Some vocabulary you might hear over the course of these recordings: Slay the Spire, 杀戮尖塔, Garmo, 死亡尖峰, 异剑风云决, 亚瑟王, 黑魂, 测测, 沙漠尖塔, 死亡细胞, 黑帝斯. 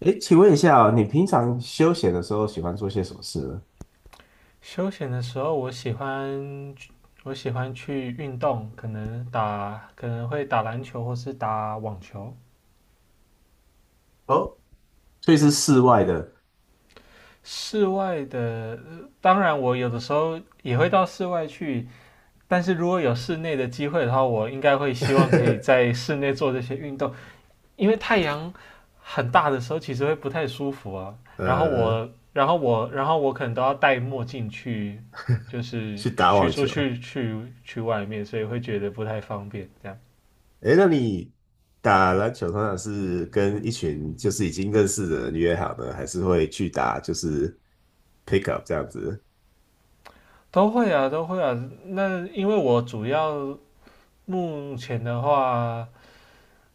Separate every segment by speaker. Speaker 1: 哎，请问一下哦，你平常休闲的时候喜欢做些什么事呢？
Speaker 2: 休闲的时候，我喜欢去运动，可能会打篮球或是打网球。
Speaker 1: 哦，所以是室外的，
Speaker 2: 室外的，当然我有的时候也会到室外去，但是如果有室内的机会的话，我应该会希望可以在室内做这些运动，因为太阳很大的时候其实会不太舒服啊。然后
Speaker 1: 呃，
Speaker 2: 我，然后我，然后我可能都要戴墨镜去，就是
Speaker 1: 去打
Speaker 2: 去
Speaker 1: 网
Speaker 2: 出
Speaker 1: 球。
Speaker 2: 去去去外面，所以会觉得不太方便这样。
Speaker 1: 哎，那你打篮球通常是跟一群就是已经认识的人约好呢，还是会去打就是 pick up 这样子？
Speaker 2: 都会啊，都会啊。那因为我主要目前的话，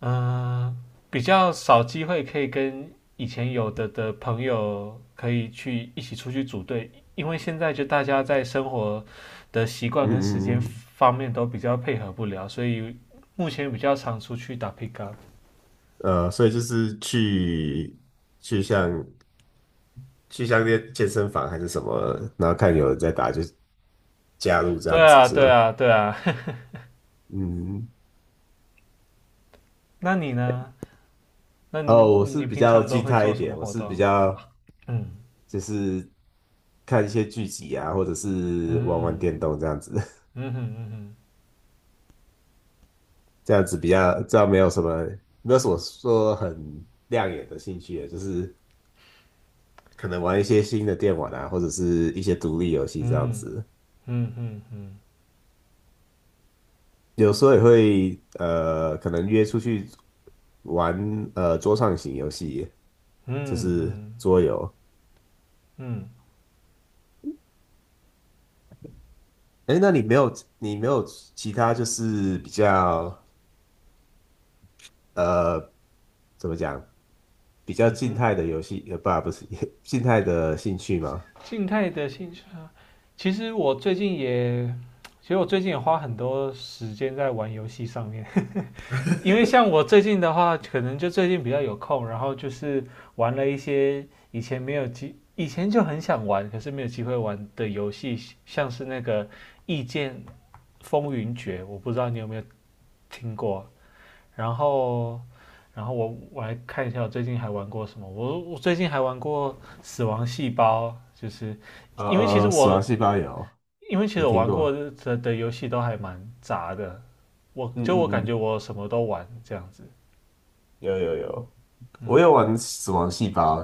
Speaker 2: 嗯、比较少机会可以跟以前有的朋友可以去一起出去组队，因为现在就大家在生活的习
Speaker 1: 嗯
Speaker 2: 惯跟时间
Speaker 1: 嗯
Speaker 2: 方面都比较配合不了，所以目前比较常出去打 pick up。
Speaker 1: 嗯，所以就是去像去像那些健身房还是什么，然后看有人在打就加入这
Speaker 2: 对
Speaker 1: 样子
Speaker 2: 啊，
Speaker 1: 是
Speaker 2: 对
Speaker 1: 吗？
Speaker 2: 啊，对啊。
Speaker 1: 嗯，
Speaker 2: 那你呢？那你
Speaker 1: 哦，我是
Speaker 2: 你
Speaker 1: 比
Speaker 2: 平
Speaker 1: 较
Speaker 2: 常都
Speaker 1: 静
Speaker 2: 会
Speaker 1: 态一
Speaker 2: 做什么
Speaker 1: 点，我
Speaker 2: 活
Speaker 1: 是比
Speaker 2: 动？
Speaker 1: 较。
Speaker 2: 嗯
Speaker 1: 就是看一些剧集啊，或者是玩玩电
Speaker 2: 嗯
Speaker 1: 动这样子，
Speaker 2: 嗯哼嗯哼
Speaker 1: 这样子比较这样没有什么说很亮眼的兴趣，就是可能玩一些新的电玩啊，或者是一些独立游戏这样
Speaker 2: 嗯。
Speaker 1: 子。
Speaker 2: 嗯嗯嗯
Speaker 1: 有时候也会可能约出去玩桌上型游戏，
Speaker 2: 嗯
Speaker 1: 就是
Speaker 2: 嗯
Speaker 1: 桌游。
Speaker 2: 嗯
Speaker 1: 哎，那你没有其他就是比较呃怎么讲比较
Speaker 2: 嗯
Speaker 1: 静
Speaker 2: 哼，
Speaker 1: 态的游戏，呃，不啊，不是 静态的兴趣吗？
Speaker 2: 静态的兴趣啊，其实我最近也，其实我最近也花很多时间在玩游戏上面，因为像我最近的话，可能就最近比较有空，然后就是玩了一些以前没有机，以前就很想玩，可是没有机会玩的游戏，像是那个《异剑风云决》，我不知道你有没有听过，然后。然后我来看一下我最近还玩过什么。我最近还玩过《死亡细胞》，就是
Speaker 1: 呃
Speaker 2: 因为其实
Speaker 1: 死
Speaker 2: 我
Speaker 1: 亡细胞有
Speaker 2: 因为其
Speaker 1: 有
Speaker 2: 实我
Speaker 1: 听
Speaker 2: 玩过
Speaker 1: 过，
Speaker 2: 的游戏都还蛮杂的，我
Speaker 1: 嗯
Speaker 2: 就
Speaker 1: 嗯
Speaker 2: 我感
Speaker 1: 嗯，
Speaker 2: 觉我什么都玩这样子。
Speaker 1: 有有有，我
Speaker 2: 嗯
Speaker 1: 有玩死亡细胞，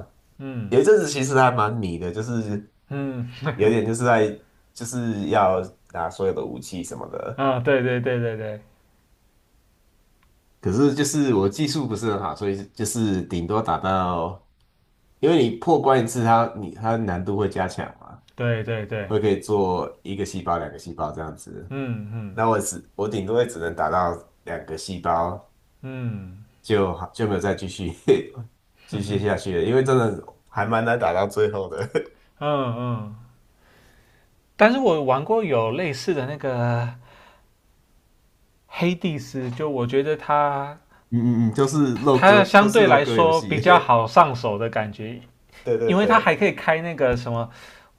Speaker 1: 有
Speaker 2: 嗯
Speaker 1: 一阵子其实还蛮迷的，就是
Speaker 2: 嗯
Speaker 1: 有点就是在就是要拿所有的武器什么的，
Speaker 2: 啊，对对对对对
Speaker 1: 可是就是我技术不是很好，所以就是顶多打到，因为你破关一次它，你它难度会加强嘛。
Speaker 2: 对对对，
Speaker 1: 会可以做一个细胞、两个细胞这样子。
Speaker 2: 嗯嗯
Speaker 1: 那我顶多也只能打到两个细胞，
Speaker 2: 嗯
Speaker 1: 就没有再继续 继续下去了，因为真的还蛮难打到最后的。
Speaker 2: 嗯嗯。但是我玩过有类似的那个黑帝斯，就我觉得它
Speaker 1: 嗯嗯嗯，就是肉鸽，
Speaker 2: 它
Speaker 1: 都
Speaker 2: 相
Speaker 1: 是
Speaker 2: 对
Speaker 1: 肉
Speaker 2: 来
Speaker 1: 鸽游
Speaker 2: 说比
Speaker 1: 戏。
Speaker 2: 较 好上手的感觉，
Speaker 1: 对对
Speaker 2: 因为他还
Speaker 1: 对，
Speaker 2: 可以开那个什么，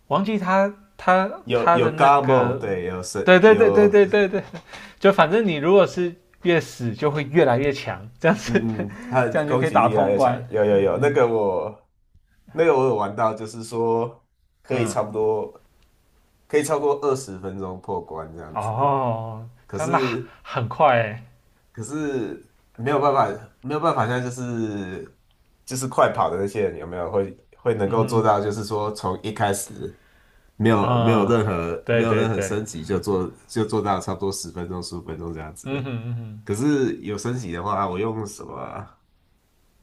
Speaker 2: 忘记他他
Speaker 1: 有
Speaker 2: 他的
Speaker 1: 有
Speaker 2: 那
Speaker 1: Garmo，
Speaker 2: 个，
Speaker 1: 对，有是
Speaker 2: 对对对对
Speaker 1: 有，
Speaker 2: 对对对，就反正你如果是越死就会越来越强，这样子
Speaker 1: 嗯嗯，它
Speaker 2: 这
Speaker 1: 的
Speaker 2: 样就
Speaker 1: 攻
Speaker 2: 可以
Speaker 1: 击
Speaker 2: 打
Speaker 1: 力越来
Speaker 2: 通
Speaker 1: 越强。
Speaker 2: 关。
Speaker 1: 有有有，那个我有玩到，就是说可以
Speaker 2: 嗯，
Speaker 1: 差不多可以超过20分钟破关这样子。
Speaker 2: 哦，
Speaker 1: 可
Speaker 2: 真的
Speaker 1: 是
Speaker 2: 很快哎，
Speaker 1: 可是没有办法，没有办法，现在就是快跑的那些人有没有会能
Speaker 2: 嗯
Speaker 1: 够做
Speaker 2: 哼，
Speaker 1: 到，就是说从一开始
Speaker 2: 啊、嗯
Speaker 1: 没
Speaker 2: 对
Speaker 1: 有
Speaker 2: 对
Speaker 1: 任何
Speaker 2: 对，
Speaker 1: 升级就做到差不多十分钟15分钟这样
Speaker 2: 嗯
Speaker 1: 子。
Speaker 2: 哼嗯哼，
Speaker 1: 可是有升级的话，我用什么啊？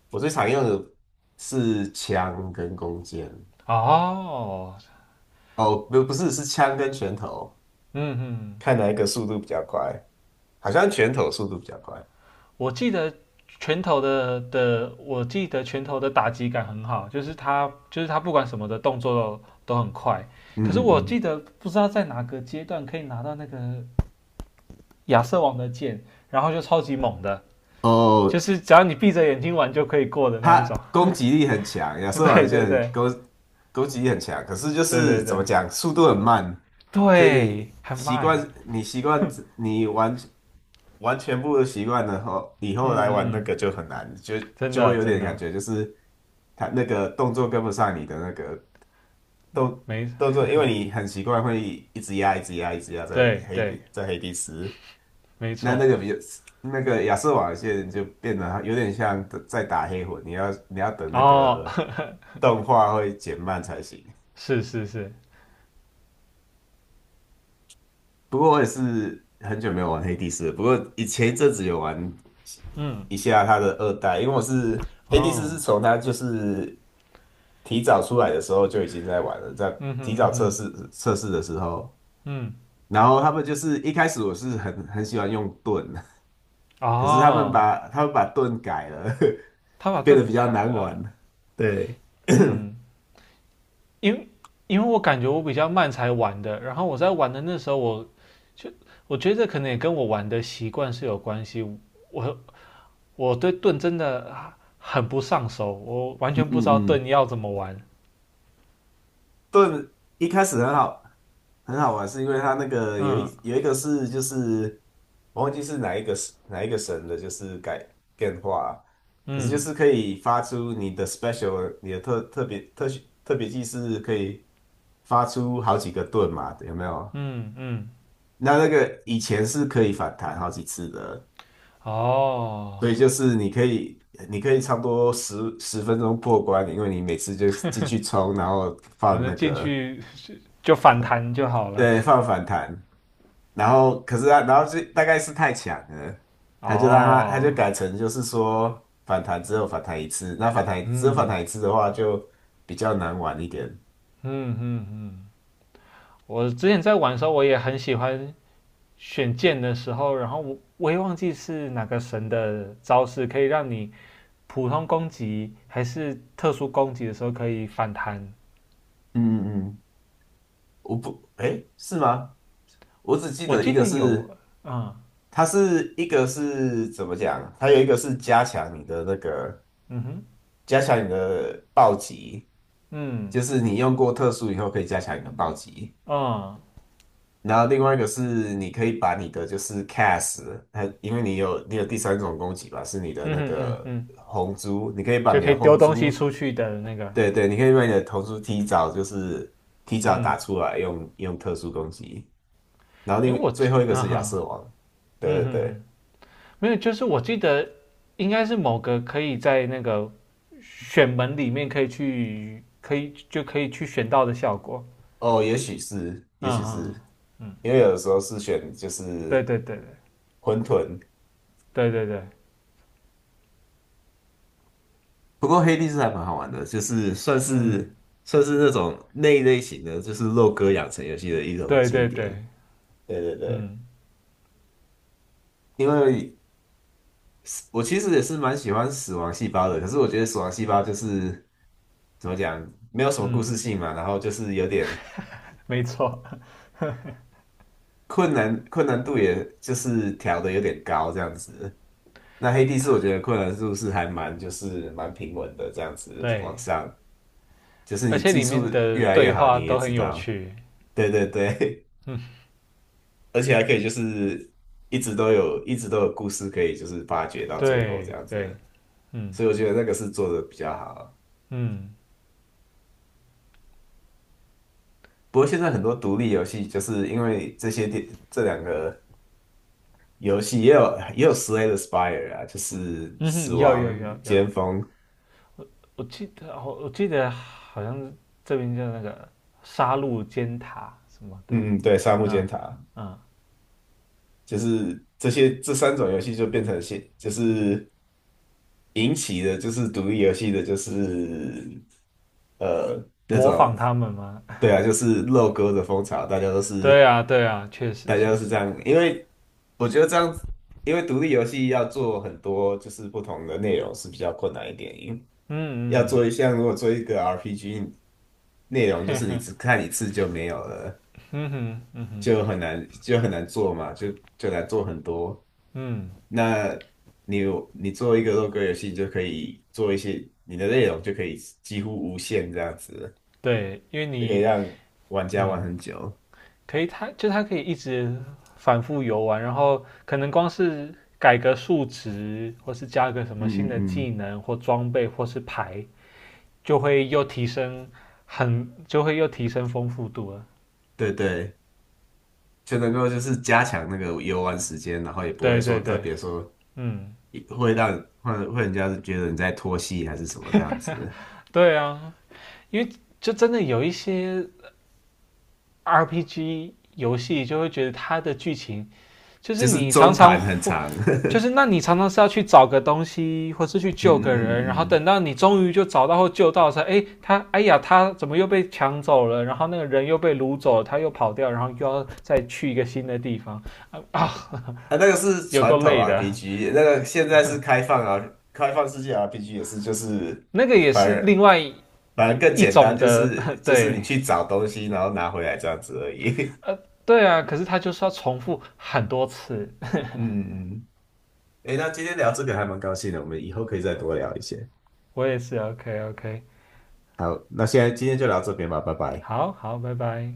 Speaker 1: 我最常用的是枪跟弓箭。
Speaker 2: 哦，
Speaker 1: 哦，不是，是枪跟拳头，
Speaker 2: 嗯哼，
Speaker 1: 看哪一个速度比较快。好像拳头速度比较快。
Speaker 2: 我记得拳头的的，我记得拳头的打击感很好，就是他不管什么的动作都很快。
Speaker 1: 嗯
Speaker 2: 可是
Speaker 1: 嗯
Speaker 2: 我
Speaker 1: 嗯。
Speaker 2: 记得不知道在哪个阶段可以拿到那个亚瑟王的剑，然后就超级猛的，就
Speaker 1: 哦，
Speaker 2: 是只要你闭着眼睛玩就可以过的那一
Speaker 1: 他
Speaker 2: 种。
Speaker 1: 攻击力很强，亚 瑟王
Speaker 2: 对
Speaker 1: 就
Speaker 2: 对
Speaker 1: 很
Speaker 2: 对
Speaker 1: 攻攻击力很强，可是就
Speaker 2: 对
Speaker 1: 是
Speaker 2: 对
Speaker 1: 怎么
Speaker 2: 对
Speaker 1: 讲，速度很慢，所以
Speaker 2: 对，很慢。
Speaker 1: 你习惯你完完全不习惯的后，以
Speaker 2: 嗯
Speaker 1: 后来玩那
Speaker 2: 嗯，
Speaker 1: 个就很难，就
Speaker 2: 真
Speaker 1: 就会
Speaker 2: 的
Speaker 1: 有
Speaker 2: 真
Speaker 1: 点感
Speaker 2: 的
Speaker 1: 觉就是他那个动作跟不上你的那个都
Speaker 2: 没
Speaker 1: 都做，因为你很习惯会一直压、一直压、一直压在
Speaker 2: 对
Speaker 1: 黑
Speaker 2: 对
Speaker 1: 底在黑底时，
Speaker 2: 没
Speaker 1: 那
Speaker 2: 错。
Speaker 1: 那个比较那个亚瑟瓦线就变得有点像在打黑魂，你要等那
Speaker 2: 哦，
Speaker 1: 个动画会减慢才行。
Speaker 2: 是是是，
Speaker 1: 不过我也是很久没有玩黑帝斯了，不过以前一阵子有玩
Speaker 2: 嗯
Speaker 1: 一下他的二代，因为我是黑帝斯是
Speaker 2: 哦，
Speaker 1: 从他就是提早出来的时候就已经在玩了，在
Speaker 2: 嗯
Speaker 1: 提
Speaker 2: 哼嗯
Speaker 1: 早
Speaker 2: 哼
Speaker 1: 测试的时候。
Speaker 2: 嗯。
Speaker 1: 然后他们就是一开始我是很喜欢用盾，可是
Speaker 2: 哦，
Speaker 1: 他们把盾改了，
Speaker 2: 他 把
Speaker 1: 变得
Speaker 2: 盾
Speaker 1: 比较
Speaker 2: 改
Speaker 1: 难
Speaker 2: 了，
Speaker 1: 玩。对，嗯
Speaker 2: 嗯，因为因为我感觉我比较慢才玩的，然后我在玩的那时候就我觉得可能也跟我玩的习惯是有关系，我我对盾真的啊很不上手，我完
Speaker 1: 嗯
Speaker 2: 全不知道
Speaker 1: 嗯，
Speaker 2: 盾要怎么玩，
Speaker 1: 盾一开始很好玩，是因为它那个
Speaker 2: 嗯
Speaker 1: 有一个是就是我忘记是哪一个神的，就是改变化，可是就
Speaker 2: 嗯
Speaker 1: 是可以发出你的 special 你的特别技是可以发出好几个盾嘛，有没有？
Speaker 2: 嗯嗯，
Speaker 1: 那个以前是可以反弹好几次的，所以
Speaker 2: 哦，
Speaker 1: 就是你可以，你可以差不多十分钟过关，因为你每次就是进去冲，然后
Speaker 2: 反
Speaker 1: 放那
Speaker 2: 正进
Speaker 1: 个，
Speaker 2: 去就反弹就好了，
Speaker 1: 对，放反弹，然后就大概是太强了，他就
Speaker 2: 哦，
Speaker 1: 改成就是说反弹只有反弹一次，那反弹只有反
Speaker 2: 嗯
Speaker 1: 弹一次的话就比较难玩一点。
Speaker 2: 嗯嗯嗯，我之前在玩的时候我也很喜欢。选剑的时候，然后我也忘记是哪个神的招式可以让你普通攻击还是特殊攻击的时候可以反弹。
Speaker 1: 嗯嗯嗯，我不，哎，是吗？我只记
Speaker 2: 我
Speaker 1: 得
Speaker 2: 记
Speaker 1: 一个
Speaker 2: 得
Speaker 1: 是，
Speaker 2: 有，嗯
Speaker 1: 它是一个是怎么讲？它有一个是加强你的那个。
Speaker 2: 嗯哼，
Speaker 1: 加强你的暴击，
Speaker 2: 嗯
Speaker 1: 就是你用过特殊以后可以加强你的暴击。
Speaker 2: 嗯
Speaker 1: 然后另外一个是你可以把你的就是 cast，它因为你有第三种攻击吧，是你的
Speaker 2: 嗯
Speaker 1: 那
Speaker 2: 哼嗯
Speaker 1: 个
Speaker 2: 嗯，
Speaker 1: 红珠，你可以把
Speaker 2: 就
Speaker 1: 你
Speaker 2: 可
Speaker 1: 的
Speaker 2: 以丢
Speaker 1: 红
Speaker 2: 东西
Speaker 1: 珠，
Speaker 2: 出去的那个，
Speaker 1: 对对，你可以把你的红珠提早就是提早打
Speaker 2: 嗯，
Speaker 1: 出来用特殊攻击。然后
Speaker 2: 诶，
Speaker 1: 另外最后一个
Speaker 2: 啊
Speaker 1: 是亚瑟
Speaker 2: 哈，
Speaker 1: 王，对
Speaker 2: 嗯
Speaker 1: 对
Speaker 2: 哼
Speaker 1: 对，
Speaker 2: 哼，没有，就是我记得应该是某个可以在那个选门里面可以去，可以就可以去选到的效果。
Speaker 1: 哦，也许是，
Speaker 2: 嗯
Speaker 1: 也许
Speaker 2: 嗯
Speaker 1: 是，
Speaker 2: 嗯，
Speaker 1: 因为有的时候是选就
Speaker 2: 对
Speaker 1: 是
Speaker 2: 对对对。
Speaker 1: 混沌，
Speaker 2: 对对对，
Speaker 1: 不过黑帝是还蛮好玩的，就是
Speaker 2: 嗯，
Speaker 1: 算是那种那一类型的，就是肉鸽养成游戏的一种
Speaker 2: 对
Speaker 1: 经
Speaker 2: 对
Speaker 1: 典。
Speaker 2: 对，
Speaker 1: 对对对，
Speaker 2: 嗯
Speaker 1: 因为我其实也是蛮喜欢死亡细胞的，可是我觉得死亡细胞就是怎么讲，没有什么故
Speaker 2: 嗯，
Speaker 1: 事性嘛，然后就是有点
Speaker 2: 没错，
Speaker 1: 困难，困难度也就是调的有点高这样子。那黑帝是我觉得困难度是还蛮就是蛮平稳的这样子往
Speaker 2: 对，
Speaker 1: 上，就是
Speaker 2: 而
Speaker 1: 你
Speaker 2: 且
Speaker 1: 技
Speaker 2: 里
Speaker 1: 术
Speaker 2: 面的
Speaker 1: 越来越
Speaker 2: 对
Speaker 1: 好，
Speaker 2: 话
Speaker 1: 你也
Speaker 2: 都
Speaker 1: 知
Speaker 2: 很有
Speaker 1: 道。
Speaker 2: 趣，
Speaker 1: 对对对，
Speaker 2: 嗯，
Speaker 1: 而且还可以就是一直都有故事可以就是发掘到最后这
Speaker 2: 对
Speaker 1: 样
Speaker 2: 对，
Speaker 1: 子，
Speaker 2: 嗯
Speaker 1: 所以我觉得那个是做的比较好。
Speaker 2: 嗯
Speaker 1: 不过现在很多独立游戏就是因为这些电这两个游戏也有 Slay the Spire 啊，就是
Speaker 2: 嗯
Speaker 1: 死
Speaker 2: 哼，有有
Speaker 1: 亡
Speaker 2: 有有，
Speaker 1: 尖峰，
Speaker 2: 然后我记得好像这边叫那个杀戮尖塔什么的，
Speaker 1: 嗯嗯，对，沙漠尖
Speaker 2: 嗯
Speaker 1: 塔，
Speaker 2: 嗯，
Speaker 1: 就是这三种游戏就变成现就是引起的就是独立游戏的就是那
Speaker 2: 模仿
Speaker 1: 种。
Speaker 2: 他们吗？
Speaker 1: 对啊，就是肉鸽的风潮，
Speaker 2: 对啊对啊，确
Speaker 1: 大
Speaker 2: 实
Speaker 1: 家都
Speaker 2: 确
Speaker 1: 是
Speaker 2: 实，
Speaker 1: 这样，因为我觉得这样子，因为独立游戏要做很多就是不同的内容是比较困难一点，因为
Speaker 2: 嗯
Speaker 1: 要
Speaker 2: 嗯
Speaker 1: 做一项如果做一个 RPG 内容，就是你只看一次就没有了，
Speaker 2: 嗯哼嗯哼
Speaker 1: 就很难做嘛，就难做很多。
Speaker 2: 嗯，
Speaker 1: 那你有你做一个肉鸽游戏，你就可以做一些你的内容就可以几乎无限这样子，
Speaker 2: 对，因为
Speaker 1: 就可以
Speaker 2: 你
Speaker 1: 让玩家玩
Speaker 2: 嗯。
Speaker 1: 很久。
Speaker 2: 可以它可以一直反复游玩，然后可能光是改个数值，或是加个什
Speaker 1: 嗯
Speaker 2: 么新
Speaker 1: 嗯
Speaker 2: 的技
Speaker 1: 嗯，
Speaker 2: 能或装备或是牌，就会又提升很 就会又提升丰富度了。
Speaker 1: 对对，就能够就是加强那个游玩时间，然后也不会
Speaker 2: 对
Speaker 1: 说
Speaker 2: 对
Speaker 1: 特
Speaker 2: 对，
Speaker 1: 别说
Speaker 2: 嗯，
Speaker 1: 会让会会人家觉得你在拖戏还是什么这样子，
Speaker 2: 对啊，因为就真的有一些 RPG 游戏就会觉得它的剧情就
Speaker 1: 就
Speaker 2: 是
Speaker 1: 是
Speaker 2: 你常
Speaker 1: 中
Speaker 2: 常
Speaker 1: 盘很长。
Speaker 2: 就是那你常常是要去找个东西，或是去
Speaker 1: 嗯
Speaker 2: 救
Speaker 1: 嗯嗯
Speaker 2: 个人，然后
Speaker 1: 嗯嗯，
Speaker 2: 等到你终于就找到或救到的时候，哎，他哎呀，他怎么又被抢走了？然后那个人又被掳走了，他又跑掉，然后又要再去一个新的地方啊啊，
Speaker 1: 啊，那个是
Speaker 2: 有
Speaker 1: 传
Speaker 2: 够
Speaker 1: 统
Speaker 2: 累的。
Speaker 1: RPG，那个现在是开放啊，开放世界 RPG 也是就是
Speaker 2: 那个也
Speaker 1: 反
Speaker 2: 是
Speaker 1: 而
Speaker 2: 另外
Speaker 1: 反而更
Speaker 2: 一
Speaker 1: 简单，
Speaker 2: 种
Speaker 1: 就
Speaker 2: 的，
Speaker 1: 是你
Speaker 2: 对
Speaker 1: 去找东西然后拿回来这样子而已。
Speaker 2: 对啊，可是他就是要重复很多次。
Speaker 1: 嗯嗯嗯，诶，那今天聊这个还蛮高兴的，我们以后可以再多聊一些。
Speaker 2: 我也是，OK OK，
Speaker 1: 好，那现在今天就聊这边吧，拜拜。
Speaker 2: 好好，拜拜。